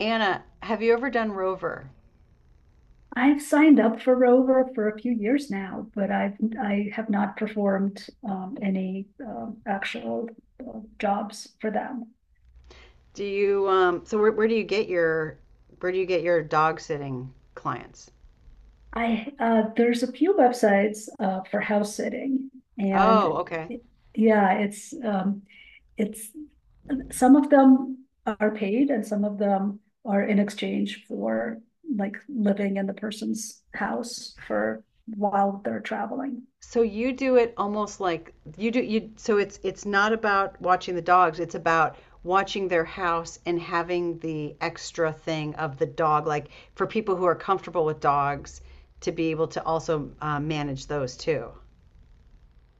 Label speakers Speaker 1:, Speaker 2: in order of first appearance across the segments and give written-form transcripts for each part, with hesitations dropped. Speaker 1: Anna, have you ever done Rover?
Speaker 2: I've signed up for Rover for a few years now, but I have not performed any actual jobs for them.
Speaker 1: Do you so where do you get your dog sitting clients?
Speaker 2: I There's a few websites for house sitting,
Speaker 1: Oh,
Speaker 2: and
Speaker 1: okay.
Speaker 2: it- yeah, it's some of them are paid, and some of them are in exchange for like living in the person's house for while they're traveling.
Speaker 1: So you do it almost like you do you so it's not about watching the dogs, it's about watching their house and having the extra thing of the dog, like for people who are comfortable with dogs to be able to also manage those too.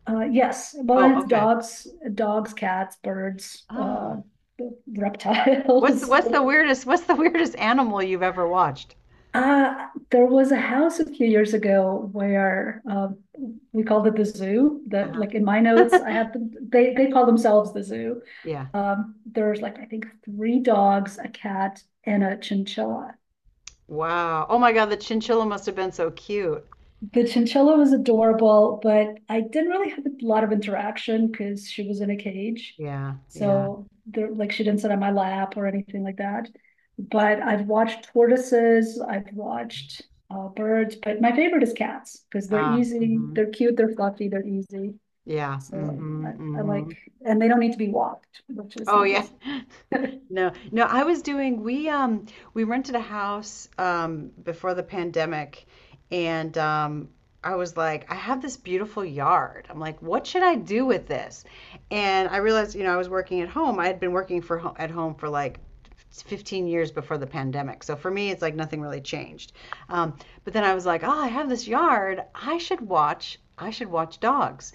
Speaker 2: Yes, well,
Speaker 1: Oh,
Speaker 2: and it's
Speaker 1: okay.
Speaker 2: dogs, cats, birds,
Speaker 1: Oh. What's
Speaker 2: reptiles.
Speaker 1: what's the weirdest what's the weirdest animal you've ever watched?
Speaker 2: There was a house a few years ago where we called it the zoo. That like in my notes,
Speaker 1: Uh-huh.
Speaker 2: I have them, they call themselves the zoo.
Speaker 1: Yeah.
Speaker 2: There's like I think three dogs, a cat, and a chinchilla.
Speaker 1: Wow. Oh my God, the chinchilla must have been so cute.
Speaker 2: The chinchilla was adorable, but I didn't really have a lot of interaction because she was in a cage.
Speaker 1: Yeah, yeah.
Speaker 2: So there, like she didn't sit on my lap or anything like that. But I've watched tortoises, I've watched birds, but my favorite is cats because they're
Speaker 1: Ah,
Speaker 2: easy,
Speaker 1: mhm.
Speaker 2: they're cute, they're fluffy, they're easy.
Speaker 1: Yeah.
Speaker 2: So
Speaker 1: Mhm,
Speaker 2: I, I like,
Speaker 1: mhm.
Speaker 2: and they don't need to be walked, which is
Speaker 1: Oh yeah.
Speaker 2: nice.
Speaker 1: No, no, I was doing, we rented a house before the pandemic, and I was like, I have this beautiful yard. I'm like, what should I do with this? And I realized, you know, I was working at home. I had been working for ho at home for like 15 years before the pandemic. So for me, it's like nothing really changed. Um, but then I was like, oh, I have this yard. I should watch dogs.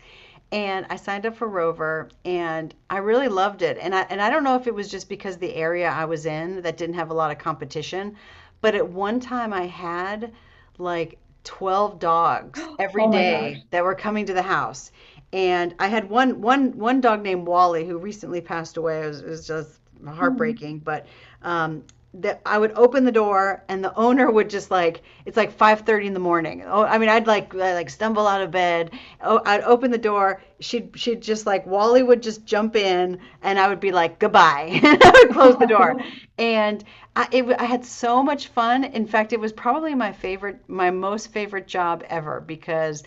Speaker 1: And I signed up for Rover and I really loved it. And I don't know if it was just because the area I was in that didn't have a lot of competition, but at one time I had like 12 dogs every
Speaker 2: Oh my gosh.
Speaker 1: day that were coming to the house. And I had one dog named Wally who recently passed away. It was just
Speaker 2: Hmm.
Speaker 1: heartbreaking, but um that I would open the door and the owner would just, like, it's like 5:30 in the morning. Oh, I mean, I'd like stumble out of bed. Oh, I'd open the door, she'd just like, Wally would just jump in and I would be like, goodbye, and I would close the door.
Speaker 2: Wow.
Speaker 1: And I had so much fun. In fact, it was probably my most favorite job ever because,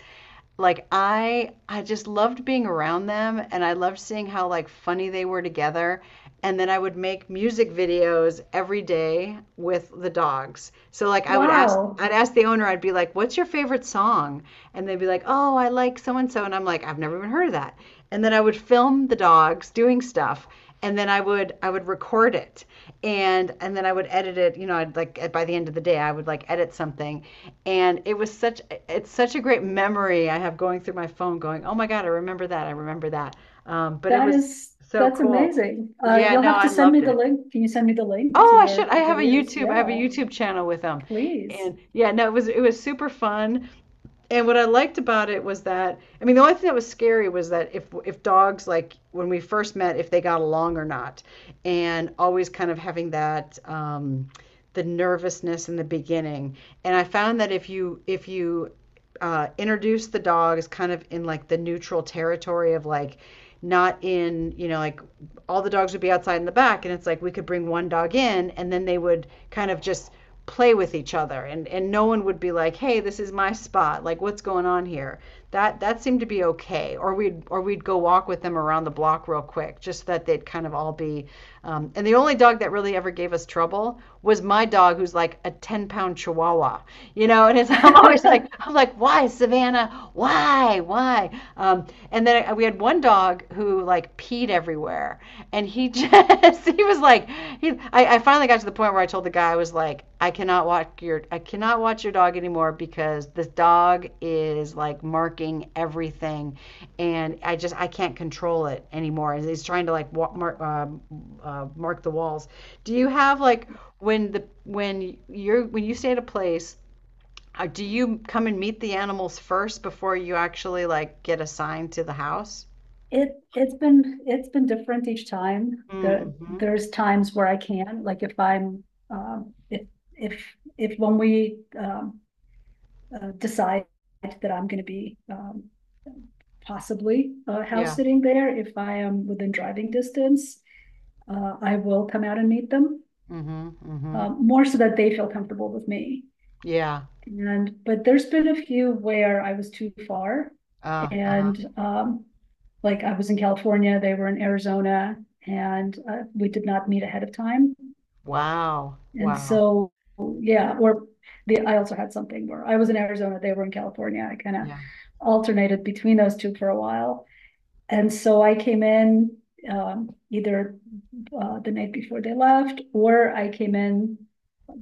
Speaker 1: like, I just loved being around them and I loved seeing how, like, funny they were together. And then I would make music videos every day with the dogs. So like,
Speaker 2: Wow.
Speaker 1: I'd ask the owner, I'd be like, "What's your favorite song?" And they'd be like, "Oh, I like so and so." And I'm like, "I've never even heard of that." And then I would film the dogs doing stuff, and then I would record it, and then I would edit it, you know, I'd like by the end of the day, I would like edit something. And it was such it's such a great memory I have, going through my phone going, "Oh my God, I remember that. I remember that." But it
Speaker 2: That
Speaker 1: was
Speaker 2: is,
Speaker 1: so
Speaker 2: that's
Speaker 1: cool.
Speaker 2: amazing.
Speaker 1: Yeah,
Speaker 2: You'll
Speaker 1: no,
Speaker 2: have
Speaker 1: I
Speaker 2: to send me
Speaker 1: loved
Speaker 2: the
Speaker 1: it.
Speaker 2: link. Can you send me the link to
Speaker 1: Oh, I should.
Speaker 2: your videos?
Speaker 1: I have a
Speaker 2: Yeah,
Speaker 1: YouTube channel with them.
Speaker 2: please.
Speaker 1: And yeah, no, it was super fun. And what I liked about it was that, I mean, the only thing that was scary was that if dogs, like when we first met, if they got along or not, and always kind of having that, the nervousness in the beginning. And I found that if you introduce the dogs kind of in like the neutral territory of, like, not in, you know, like all the dogs would be outside in the back and it's like we could bring one dog in and then they would kind of just play with each other, and no one would be like, hey, this is my spot, like what's going on here. That seemed to be okay. Or we'd go walk with them around the block real quick, just that they'd kind of all be, and the only dog that really ever gave us trouble was my dog who's like a 10 pound chihuahua, you know, and it's, I'm always like, I'm like, why Savannah, why? um, and then we had one dog who like peed everywhere, and he just, he was like, I finally got to the point where I told the guy, I was like, I cannot watch your, I cannot watch your dog anymore because this dog is like marking everything and I just, I can't control it anymore, and he's trying to like mark, mark the walls. Do you have like, when the, when you're when you stay at a place, do you come and meet the animals first before you actually like get assigned to the house?
Speaker 2: It's been different each time. There
Speaker 1: Mm-hmm.
Speaker 2: there's times where I can, like if I'm um if if if when we decide that I'm going to be possibly house
Speaker 1: Yeah.
Speaker 2: sitting there, if I am within driving distance, I will come out and meet them.
Speaker 1: Mm-hmm, mm-hmm.
Speaker 2: More so that they feel comfortable with me.
Speaker 1: Yeah.
Speaker 2: And but there's been a few where I was too far,
Speaker 1: Uh-huh.
Speaker 2: and Like I was in California, they were in Arizona, and we did not meet ahead of time.
Speaker 1: Wow.
Speaker 2: And
Speaker 1: Wow.
Speaker 2: so, yeah, or the I also had something where I was in Arizona, they were in California. I kind of
Speaker 1: Yeah.
Speaker 2: alternated between those two for a while, and so I came in either the night before they left, or I came in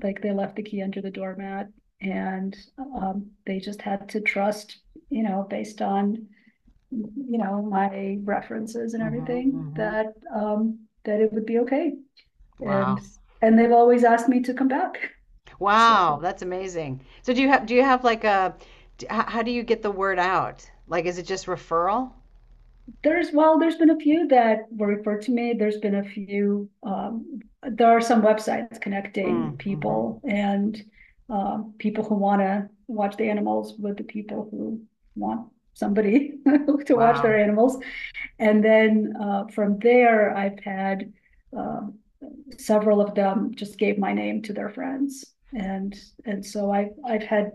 Speaker 2: like they left the key under the doormat, and they just had to trust, you know, based on you know my references and
Speaker 1: Mm-hmm.
Speaker 2: everything
Speaker 1: Mm-hmm.
Speaker 2: that that it would be okay. And
Speaker 1: Wow.
Speaker 2: and they've always asked me to come back, so.
Speaker 1: Wow, that's amazing. So do you have like a how do you get the word out? Like, is it just referral?
Speaker 2: There's well, there's been a few that were referred to me. There's been a few. There are some websites connecting
Speaker 1: Mm, mm-hmm.
Speaker 2: people and people who want to watch the animals with the people who want somebody to watch their
Speaker 1: Wow.
Speaker 2: animals. And then from there, I've had um, several of them just gave my name to their friends. And, and so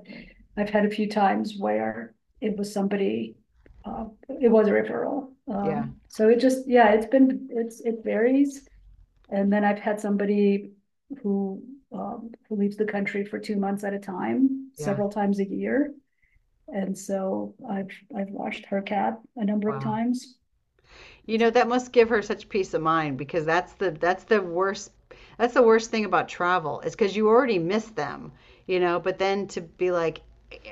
Speaker 2: I've had a few times where it was somebody, it was a referral.
Speaker 1: Yeah.
Speaker 2: So it just, yeah, it varies. And then I've had somebody who, who leaves the country for 2 months at a time,
Speaker 1: Yeah.
Speaker 2: several times a year. And so I've watched her cat a number of
Speaker 1: Wow.
Speaker 2: times.
Speaker 1: You know,
Speaker 2: So,
Speaker 1: that must give her such peace of mind because that's the worst, that's the worst thing about travel, is because you already miss them, you know, but then to be like,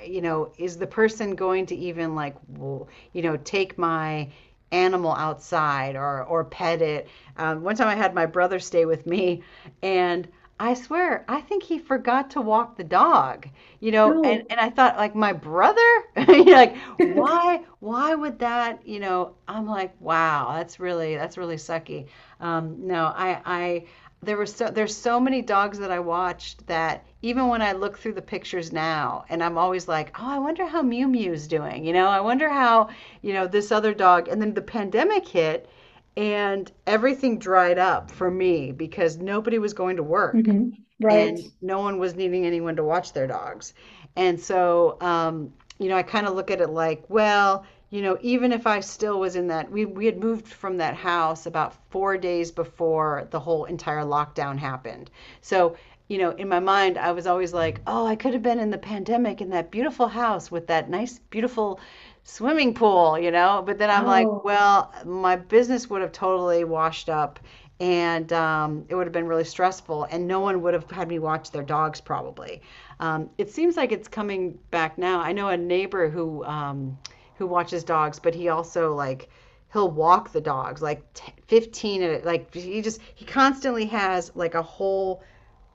Speaker 1: you know, is the person going to even like, you know, take my animal outside or pet it? One time I had my brother stay with me, and I swear, I think he forgot to walk the dog, you know, and
Speaker 2: no.
Speaker 1: I thought like, my brother, you know, like, why would that, you know, I'm like, wow, that's really, that's really sucky. No I I There were so, there's so many dogs that I watched that even when I look through the pictures now, and I'm always like, oh, I wonder how Mew Mew's doing, you know, I wonder how, you know, this other dog. And then the pandemic hit, and everything dried up for me because nobody was going to work
Speaker 2: Mhm, right.
Speaker 1: and no one was needing anyone to watch their dogs. And so, you know, I kind of look at it like, well, you know, even if I still was in that, we had moved from that house about four days before the whole entire lockdown happened. So, you know, in my mind, I was always like, oh, I could have been in the pandemic in that beautiful house with that nice, beautiful swimming pool, you know? But then I'm like,
Speaker 2: Oh,
Speaker 1: well, my business would have totally washed up, and it would have been really stressful, and no one would have had me watch their dogs probably. It seems like it's coming back now. I know a neighbor who, who watches dogs, but he also like, he'll walk the dogs like 15, like, he constantly has like a whole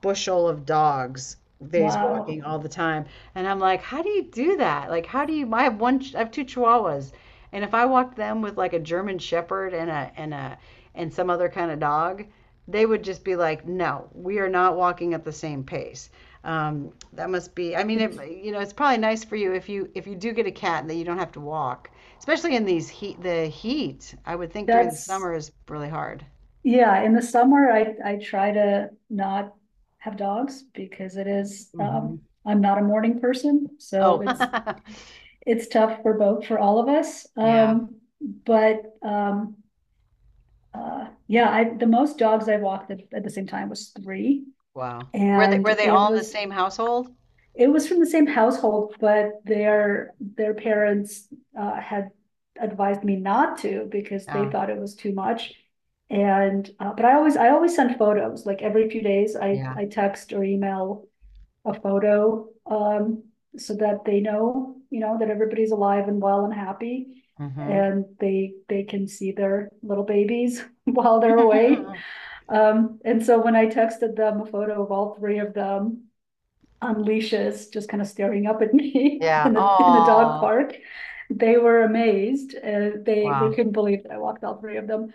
Speaker 1: bushel of dogs that he's walking
Speaker 2: wow.
Speaker 1: all the time. And I'm like, how do you do that? Like, how do you? I have two Chihuahuas, and if I walked them with like a German Shepherd and a and a and some other kind of dog, they would just be like, no, we are not walking at the same pace. That must be, I mean,
Speaker 2: It's,
Speaker 1: it, you know, it's probably nice for you if you do get a cat and that you don't have to walk, especially in these heat. The heat, I would think during the
Speaker 2: that's,
Speaker 1: summer, is really hard.
Speaker 2: yeah, in the summer, I try to not have dogs because it is,
Speaker 1: Hmm.
Speaker 2: I'm not a morning person, so
Speaker 1: Oh,
Speaker 2: it's tough for both, for all of us.
Speaker 1: yeah.
Speaker 2: Yeah, I, the most dogs I walked at the same time was three.
Speaker 1: Wow. Were
Speaker 2: And
Speaker 1: they all in the same household?
Speaker 2: it was from the same household, but their parents had advised me not to because they
Speaker 1: Yeah.
Speaker 2: thought it was too much. And but I always send photos. Like every few days,
Speaker 1: Yeah.
Speaker 2: I text or email a photo so that they know you know that everybody's alive and well and happy,
Speaker 1: Hmm.
Speaker 2: and they can see their little babies while they're away. And so when I texted them a photo of all three of them on leashes, just kind of staring up at me
Speaker 1: Yeah.
Speaker 2: in the dog
Speaker 1: Oh,
Speaker 2: park. They were amazed. They
Speaker 1: wow.
Speaker 2: couldn't believe that I walked all three of them.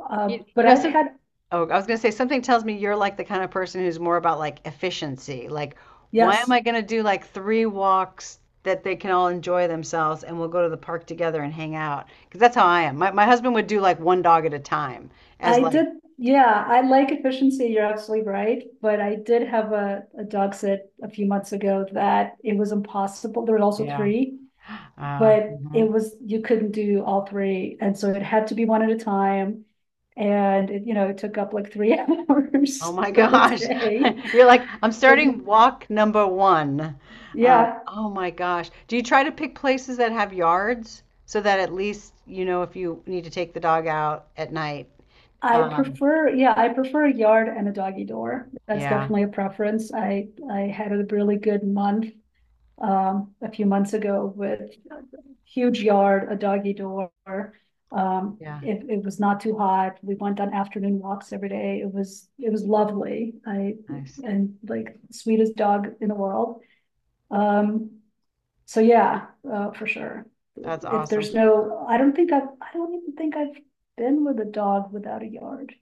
Speaker 1: You
Speaker 2: But
Speaker 1: know, some, oh, I was gonna say, something tells me you're like the kind of person who's more about like efficiency. Like, why am
Speaker 2: yes,
Speaker 1: I gonna do like three walks, that they can all enjoy themselves and we'll go to the park together and hang out? Because that's how I am. My husband would do like one dog at a time, as
Speaker 2: I
Speaker 1: like,
Speaker 2: did. Yeah, I like efficiency. You're absolutely right. But I did have a dog sit a few months ago that it was impossible. There were also
Speaker 1: yeah.
Speaker 2: three, but it
Speaker 1: Mhm.
Speaker 2: was, you couldn't do all three. And so it had to be one at a time. And it, you know, it took up like three
Speaker 1: Oh
Speaker 2: hours
Speaker 1: my
Speaker 2: of the
Speaker 1: gosh.
Speaker 2: day.
Speaker 1: You're like, I'm
Speaker 2: And
Speaker 1: starting walk number one.
Speaker 2: yeah,
Speaker 1: Oh my gosh. Do you try to pick places that have yards so that at least, you know, if you need to take the dog out at night? Um,
Speaker 2: yeah, I prefer a yard and a doggy door. That's
Speaker 1: yeah,
Speaker 2: definitely a preference. I had a really good month a few months ago with a huge yard, a doggy door.
Speaker 1: yeah,
Speaker 2: It, it was not too hot. We went on afternoon walks every day. It was lovely. I
Speaker 1: nice.
Speaker 2: and like sweetest dog in the world. Um so yeah, for sure.
Speaker 1: That's
Speaker 2: If there's
Speaker 1: awesome.
Speaker 2: no, I don't even think I've been with a dog without a yard.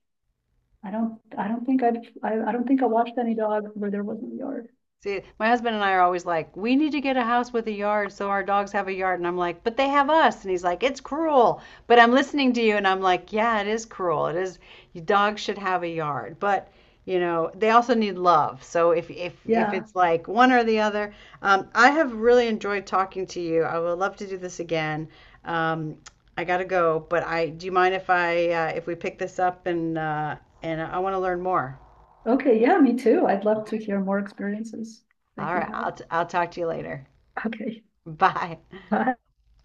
Speaker 2: I don't, I don't think I've, I don't think I watched any dog where there wasn't a yard.
Speaker 1: See, my husband and I are always like, we need to get a house with a yard so our dogs have a yard. And I'm like, but they have us. And he's like, it's cruel. But I'm listening to you and I'm like, yeah, it is cruel. It is, your dogs should have a yard. But, you know, they also need love. So if
Speaker 2: Yeah,
Speaker 1: it's like one or the other, I have really enjoyed talking to you. I would love to do this again. Um, I gotta go, but I, do you mind if I, if we pick this up and I want to learn more?
Speaker 2: okay, yeah, me too. I'd love to hear more experiences
Speaker 1: All
Speaker 2: that you
Speaker 1: right.
Speaker 2: have.
Speaker 1: I'll, I'll talk to you later.
Speaker 2: Okay,
Speaker 1: Bye.
Speaker 2: bye.